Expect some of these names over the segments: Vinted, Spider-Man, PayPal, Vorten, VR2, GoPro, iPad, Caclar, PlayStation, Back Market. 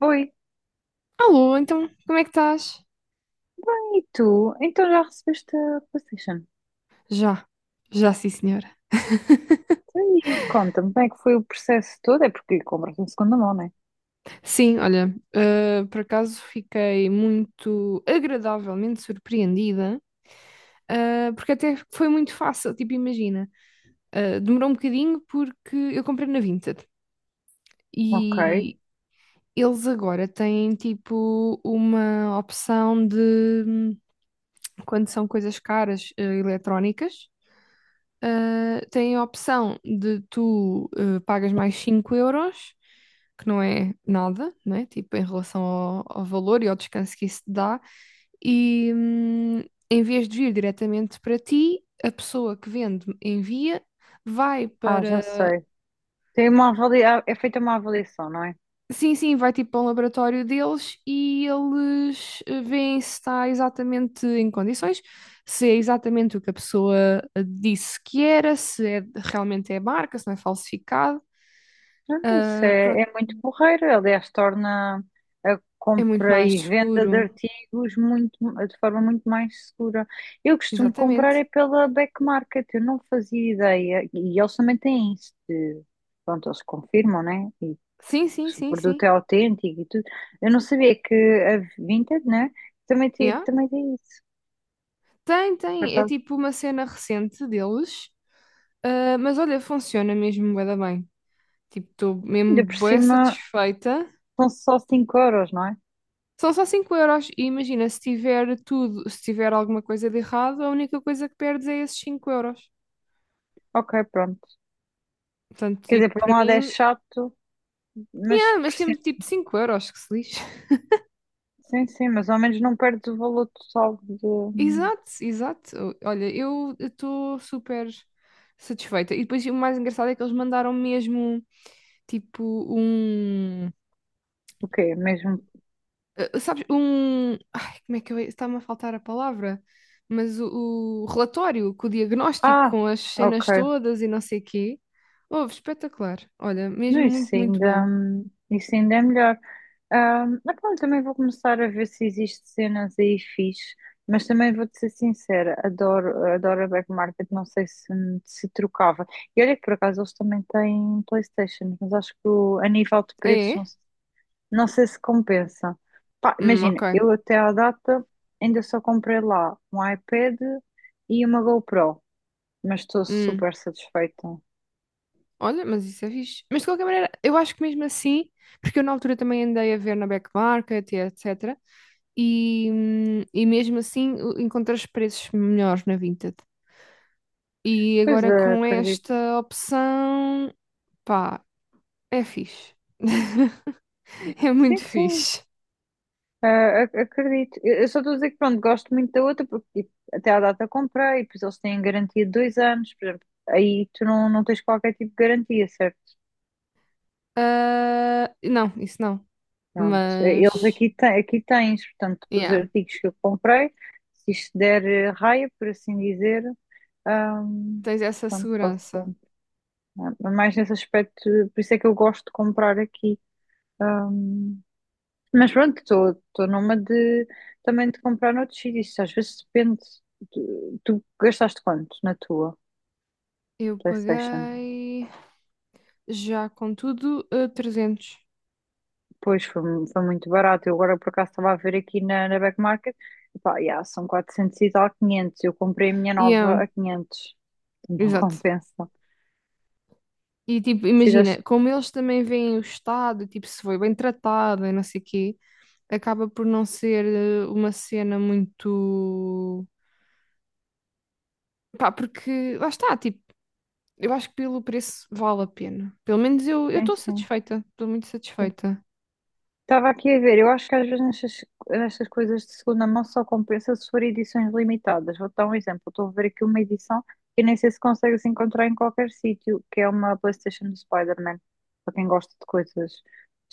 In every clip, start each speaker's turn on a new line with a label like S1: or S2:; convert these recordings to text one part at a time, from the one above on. S1: Oi,
S2: Alô, então, como é que estás?
S1: bem, e tu? Então já recebeste a PlayStation?
S2: Já, já sim, senhora.
S1: Então, e conta-me, como é que foi o processo todo? É porque compras em segunda mão, não é?
S2: Sim, olha, por acaso fiquei muito agradavelmente surpreendida, porque até foi muito fácil, tipo, imagina, demorou um bocadinho porque eu comprei na Vinted
S1: Ok.
S2: e eles agora têm, tipo, uma opção de, quando são coisas caras, eletrónicas, tem a opção de tu pagas mais 5 euros, que não é nada, né? Tipo, em relação ao valor e ao descanso que isso te dá, e em vez de vir diretamente para ti, a pessoa que vende envia, vai
S1: Ah, já
S2: para.
S1: sei. Tem uma É feita uma avaliação, não é?
S2: Sim, sim, vai tipo para um laboratório deles e eles veem se está exatamente em condições, se é exatamente o que a pessoa disse que era, se é- realmente é marca, se não é falsificado.
S1: Ah, isso
S2: Ah,
S1: é,
S2: pronto,
S1: é muito porreiro. Aliás, torna a
S2: é muito
S1: compra
S2: mais
S1: e venda de
S2: seguro.
S1: de forma muito mais segura. Eu costumo comprar
S2: Exatamente.
S1: é pela Back Market, eu não fazia ideia. E eles também têm isso. De... Pronto, eles confirmam, né?
S2: Sim, sim,
S1: Se o
S2: sim,
S1: produto é
S2: sim.
S1: autêntico e tudo. Eu não sabia que a Vinted, né? Também tem,
S2: Yeah.
S1: também tem isso.
S2: Tem,
S1: Por
S2: tem. É
S1: acaso,
S2: tipo uma cena recente deles, mas olha, funciona mesmo bué da bem. Tipo, estou mesmo
S1: ainda por
S2: bué
S1: cima
S2: satisfeita.
S1: são só 5 euros, não é?
S2: São só 5 € e imagina, se tiver tudo, se tiver alguma coisa de errado, a única coisa que perdes é esses cinco euros.
S1: Ok, pronto.
S2: Portanto,
S1: Quer
S2: tipo,
S1: dizer, por um
S2: para
S1: lado é
S2: mim,
S1: chato, mas por
S2: mas
S1: cima.
S2: temos tipo 5 euros, que se lixe.
S1: Sim, sim, mas ao menos não perdes o valor total de.
S2: Exato, exato. Olha, eu estou super satisfeita. E depois o mais engraçado é que eles mandaram mesmo, tipo, um,
S1: O quê? Mesmo.
S2: Sabes, um. Ai, como é que eu. Está-me a faltar a palavra. Mas o relatório, com o diagnóstico,
S1: Ah,
S2: com as
S1: ok.
S2: cenas todas e não sei quê. Houve, espetacular. Olha,
S1: Não,
S2: mesmo muito, muito bom.
S1: Isso ainda é melhor. Mas pronto, também vou começar a ver se existe cenas aí fixe, mas também vou-te ser sincera, adoro a Back Market, não sei se, se trocava. E olha que por acaso eles também têm PlayStation, mas acho que a nível de
S2: Ah,
S1: preços
S2: é?
S1: não, não sei se compensa. Pá, imagina,
S2: Ok.
S1: eu até à data ainda só comprei lá um iPad e uma GoPro, mas estou
S2: Hum.
S1: super satisfeita.
S2: Olha, mas isso é fixe. Mas de qualquer maneira, eu acho que mesmo assim, porque eu na altura também andei a ver na Back Market e etc. E mesmo assim encontrei os preços melhores na Vinted. E
S1: Pois
S2: agora
S1: é,
S2: com
S1: acredito.
S2: esta opção. Pá, é fixe. É
S1: Sim,
S2: muito
S1: sim.
S2: fixe.
S1: Ah, acredito. Eu só estou a dizer que pronto, gosto muito da outra porque tipo, até à data comprei, e depois eles têm garantia de dois anos, por exemplo, aí tu não tens qualquer tipo de garantia, certo?
S2: Ah, não, isso não.
S1: Pronto. Eles
S2: Mas,
S1: aqui, aqui tens, portanto, dos
S2: yeah,
S1: artigos que eu comprei, se isto der raia, por assim dizer, ahm,
S2: tens essa
S1: pronto, posso
S2: segurança.
S1: ser. Ah, mas mais nesse aspecto, por isso é que eu gosto de comprar aqui. Mas pronto, estou numa de também de comprar noutros sítios. Às vezes depende. Tu gastaste quanto na tua
S2: Eu
S1: PlayStation?
S2: paguei já com tudo 300.
S1: Pois foi, foi muito barato. Eu agora por acaso estava a ver aqui na Back Market. Epá, yeah, são 400 e tal, quinhentos. Eu comprei a minha
S2: Yeah,
S1: nova a quinhentos. Não
S2: exato.
S1: compensa.
S2: E tipo,
S1: Fizeste.
S2: imagina, como eles também veem o estado, tipo, se foi bem tratado e não sei o quê, acaba por não ser uma cena muito. Pá, porque lá está, tipo, eu acho que pelo preço vale a pena. Pelo menos eu
S1: Sim,
S2: estou
S1: sim,
S2: satisfeita. Estou muito
S1: sim.
S2: satisfeita.
S1: Estava aqui a ver, eu acho que às vezes nestas coisas de segunda mão só compensa se for edições limitadas. Vou dar um exemplo, estou a ver aqui uma edição que nem sei se consegue se encontrar em qualquer sítio, que é uma PlayStation do Spider-Man, para quem gosta de coisas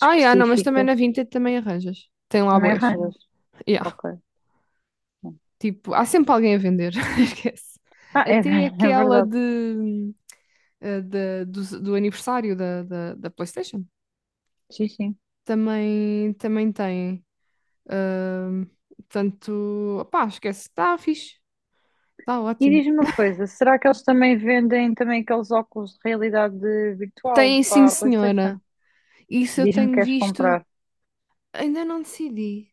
S2: Ah, yeah, não, mas também na Vinted também arranjas. Tem lá
S1: também
S2: bués.
S1: arranjas.
S2: Yeah.
S1: Ok.
S2: Tipo, há sempre alguém a vender. Esquece.
S1: Ah, é,
S2: Até
S1: é
S2: aquela
S1: verdade,
S2: de, do aniversário da PlayStation.
S1: sim, sim.
S2: Também, também tem. Ahm, portanto, opá, esquece. Está fixe. Está
S1: E
S2: ótimo.
S1: diz-me uma coisa, será que eles também vendem também aqueles óculos de realidade virtual
S2: Tem, sim,
S1: para a
S2: senhora.
S1: PlayStation?
S2: Isso eu
S1: Diz-me que
S2: tenho
S1: queres
S2: visto.
S1: comprar.
S2: Ainda não decidi.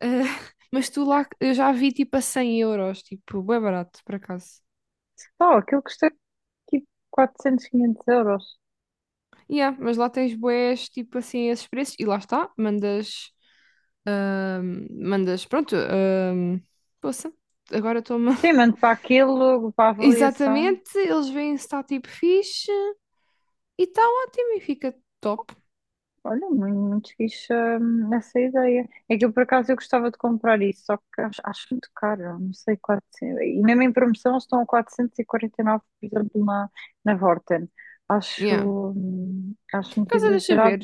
S2: Ah, mas tu lá, eu já vi tipo a cem euros, tipo, bué barato, por acaso.
S1: Oh, aquilo custa tipo 400, 500€.
S2: Yeah, mas lá tens bués, tipo assim, esses preços, e lá está, mandas, mandas, pronto, poça, agora toma.
S1: Sim, mando para aquilo, para a avaliação.
S2: Exatamente, eles veem se está tipo fixe, e está ótimo, e fica top.
S1: Olha, muito fixe essa ideia. É que eu, por acaso, eu gostava de comprar isso, só que acho muito caro, não sei, 400. E mesmo em promoção eles estão a 449 por exemplo, na Vorten.
S2: Yeah.
S1: Acho, acho muito
S2: Casa, deixa
S1: exagerado,
S2: ver.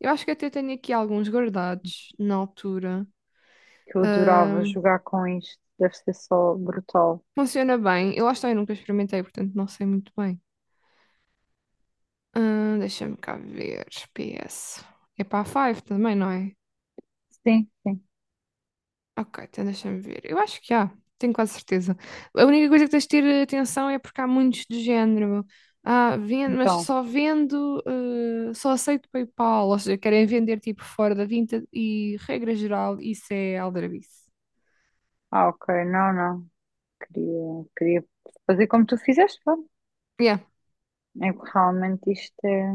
S2: Eu acho que até tenho aqui alguns guardados na altura.
S1: que eu adorava
S2: Ahm,
S1: jogar com isto, deve ser só brutal.
S2: funciona bem. Eu acho que eu nunca experimentei, portanto não sei muito bem. Deixa-me cá ver. PS. É para a Five também, não é?
S1: Sim, sim.
S2: Ok, então deixa-me ver. Eu acho que há. Tenho quase certeza. A única coisa que tens de ter atenção é porque há muitos do género. Ah, vendo, mas
S1: Então,
S2: só vendo, só aceito PayPal, ou seja, querem vender tipo fora da Vinted e regra geral, isso é aldrabice.
S1: ah, ok, não. Queria fazer como tu fizeste, pá.
S2: Yeah,
S1: É que realmente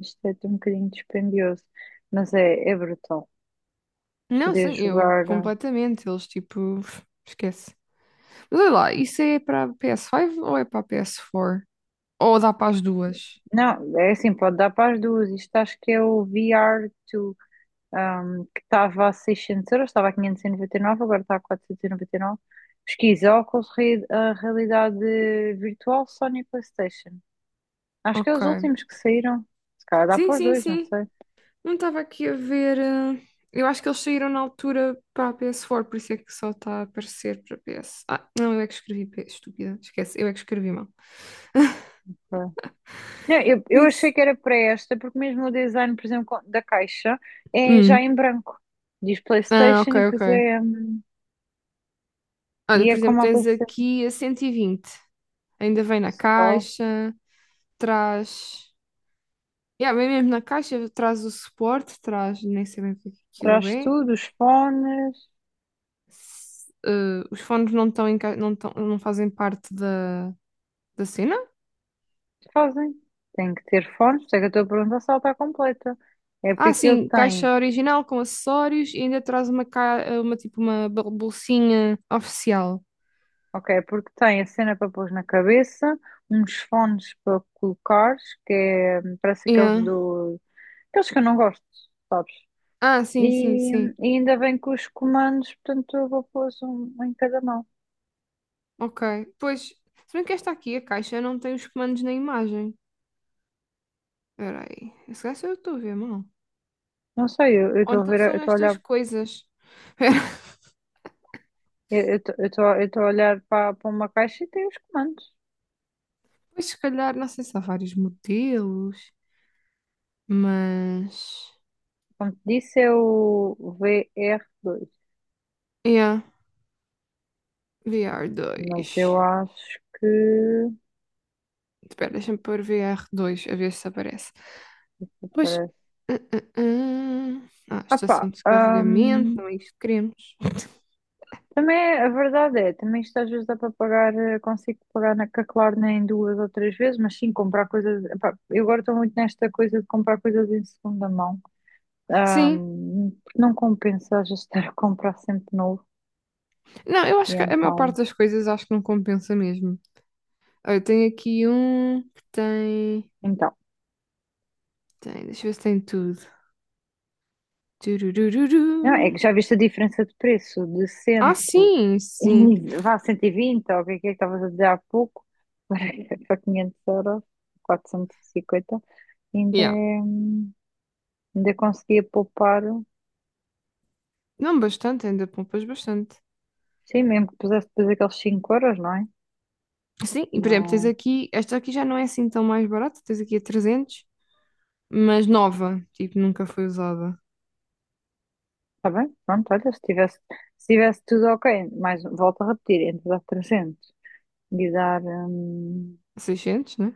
S1: isto é um bocadinho dispendioso, mas é, é brutal.
S2: não,
S1: Poder
S2: sim, eu
S1: jogar. Eh,
S2: completamente. Eles tipo, esquece. Mas olha lá, isso é para PS5 ou é para PS4? Ou dá para as duas?
S1: não, é assim, pode dar para as duas. Isto acho que é o VR to, um, que estava a 600€, estava a 599, agora está a 499. Pesquisa, óculos, a realidade virtual, Sony PlayStation. Acho que é
S2: Ok.
S1: os últimos que saíram. Se calhar dá
S2: Sim,
S1: para os
S2: sim,
S1: dois, não
S2: sim.
S1: sei.
S2: Não estava aqui a ver. Eu acho que eles saíram na altura para a PS4, por isso é que só está a aparecer para PS. Ah, não, eu é que escrevi P, S, estúpida. Esquece, eu é que escrevi mal.
S1: Não, eu achei
S2: Isso.
S1: que era para esta, porque mesmo o design, por exemplo, da caixa é já
S2: Hum.
S1: em branco. Diz
S2: Ah,
S1: PlayStation
S2: ok,
S1: e depois
S2: ok.
S1: é,
S2: Olha,
S1: e
S2: por
S1: é
S2: exemplo,
S1: como a
S2: tens
S1: PC
S2: aqui a 120. Ainda vem na
S1: só.
S2: caixa, traz. Yeah, vem mesmo na caixa, traz o suporte, traz, nem sei bem o que é que aquilo
S1: Traz
S2: é.
S1: tudo, os fones,
S2: Os fones não estão não estão, não fazem parte da cena.
S1: fazem. Tem que ter fones, por isso é que eu estou a perguntar se ela está completa. É porque
S2: Ah,
S1: aquilo
S2: sim,
S1: tem,
S2: caixa original com acessórios e ainda traz uma tipo uma bolsinha oficial.
S1: ok, é porque tem a cena para pôr na cabeça, uns fones para colocares, que é, parece aqueles
S2: Yeah.
S1: do, aqueles que eu não gosto, sabes?
S2: Ah, sim, sim,
S1: E, e
S2: sim.
S1: ainda bem que os comandos, portanto, eu vou pôr um em cada mão.
S2: Ok. Pois, se bem que esta aqui, a caixa, não tem os comandos na imagem. Espera aí. Esse gajo eu estou a ver mal.
S1: Não sei, eu
S2: Ou
S1: estou a
S2: então
S1: ver, eu
S2: são
S1: estou a
S2: estas
S1: olhar,
S2: coisas.
S1: eu estou a olhar para, para uma caixa e tem os comandos.
S2: Pois, se calhar, não sei se há vários modelos. Mas.
S1: Como te disse, é o VR dois.
S2: Yeah,
S1: Mas
S2: VR2.
S1: eu acho que.
S2: Espera, deixa-me pôr VR2 a ver se aparece. Pois.
S1: Parece.
S2: Ah, ah, ah. Ah,
S1: Ah pá,
S2: estação de carregamento,
S1: hum,
S2: não é isto que queremos.
S1: também é, a verdade é, também isto às vezes dá para pagar, eh, consigo pagar na Caclar nem duas ou três vezes, mas sim comprar coisas. Epá, eu agora estou muito nesta coisa de comprar coisas em segunda mão.
S2: Sim,
S1: Não compensa já estar a comprar sempre novo.
S2: não, eu
S1: E
S2: acho que a maior
S1: então,
S2: parte das coisas acho que não compensa mesmo. Olha, eu tenho aqui um que tem.
S1: então.
S2: Tem, deixa eu ver se tem tudo. Tururururu.
S1: Não, é que já viste a diferença de preço de 100
S2: Ah, sim, sim.
S1: e vá 120, ou o que é que estavas a dizer há pouco, para, para 500€, 450, ainda,
S2: Yeah.
S1: ainda conseguia poupar,
S2: Não bastante, ainda poupas bastante.
S1: sim, mesmo que pusesse depois aqueles 5 euros, não é?
S2: Sim, e, por exemplo, tens
S1: Não,
S2: aqui, esta aqui já não é assim tão mais barata, tens aqui a 300, mas nova, tipo, nunca foi usada.
S1: está bem? Pronto, olha, se tivesse tudo ok, mas volto a repetir, entre dar 300 e dar. Hum,
S2: 600, né?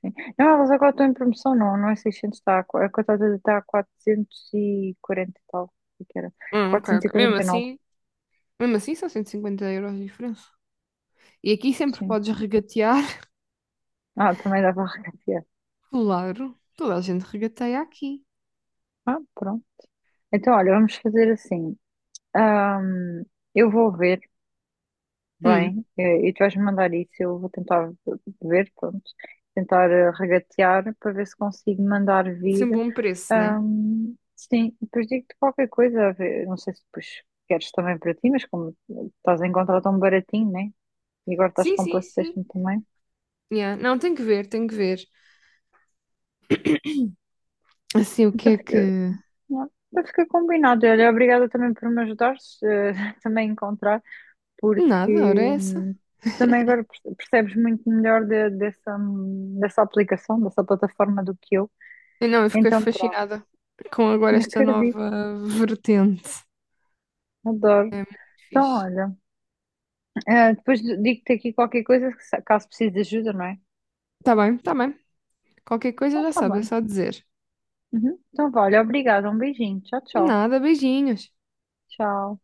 S1: sim. Não, elas agora estão em promoção, não é 600, está a, a cotada está a 440 e quarenta e tal, o que era?
S2: Ok, ok.
S1: 449,
S2: Mesmo assim são 150 € de diferença. E aqui sempre
S1: sim.
S2: podes regatear,
S1: Ah, também dava a regatear.
S2: claro, toda a gente regateia aqui.
S1: Ah, pronto. Então, olha, vamos fazer assim. Ahm, eu vou ver,
S2: Hum,
S1: bem, eh, e tu vais-me mandar isso, eu vou tentar ver, pronto, tentar regatear para ver se consigo mandar vir.
S2: sempre um bom preço, né?
S1: Sim, depois digo-te qualquer coisa, a ver, não sei se depois queres também para ti, mas como estás a encontrar tão baratinho, né? E agora estás
S2: Sim,
S1: com o
S2: sim, sim.
S1: PlayStation também.
S2: Yeah. Não, tem que ver, tem que ver. Assim, o que
S1: Então
S2: é que...
S1: fica, não, então fica combinado. Olha, obrigada também por me ajudares eh, também a encontrar,
S2: Nada,
S1: porque
S2: ora é essa.
S1: tu também agora percebes muito melhor dessa, dessa aplicação, dessa plataforma do que eu.
S2: Eu não, eu fiquei
S1: Então pronto,
S2: fascinada com agora
S1: não
S2: esta
S1: acredito,
S2: nova vertente.
S1: adoro. Então
S2: Fixe.
S1: olha, eh, depois digo-te aqui qualquer coisa que caso precise de ajuda, não é?
S2: Tá bem, tá bem. Qualquer coisa
S1: Então
S2: já
S1: tá
S2: sabes, é
S1: bem.
S2: só dizer.
S1: Uhum. Então vale, obrigada, um beijinho. Tchau, tchau.
S2: Nada, beijinhos.
S1: Tchau.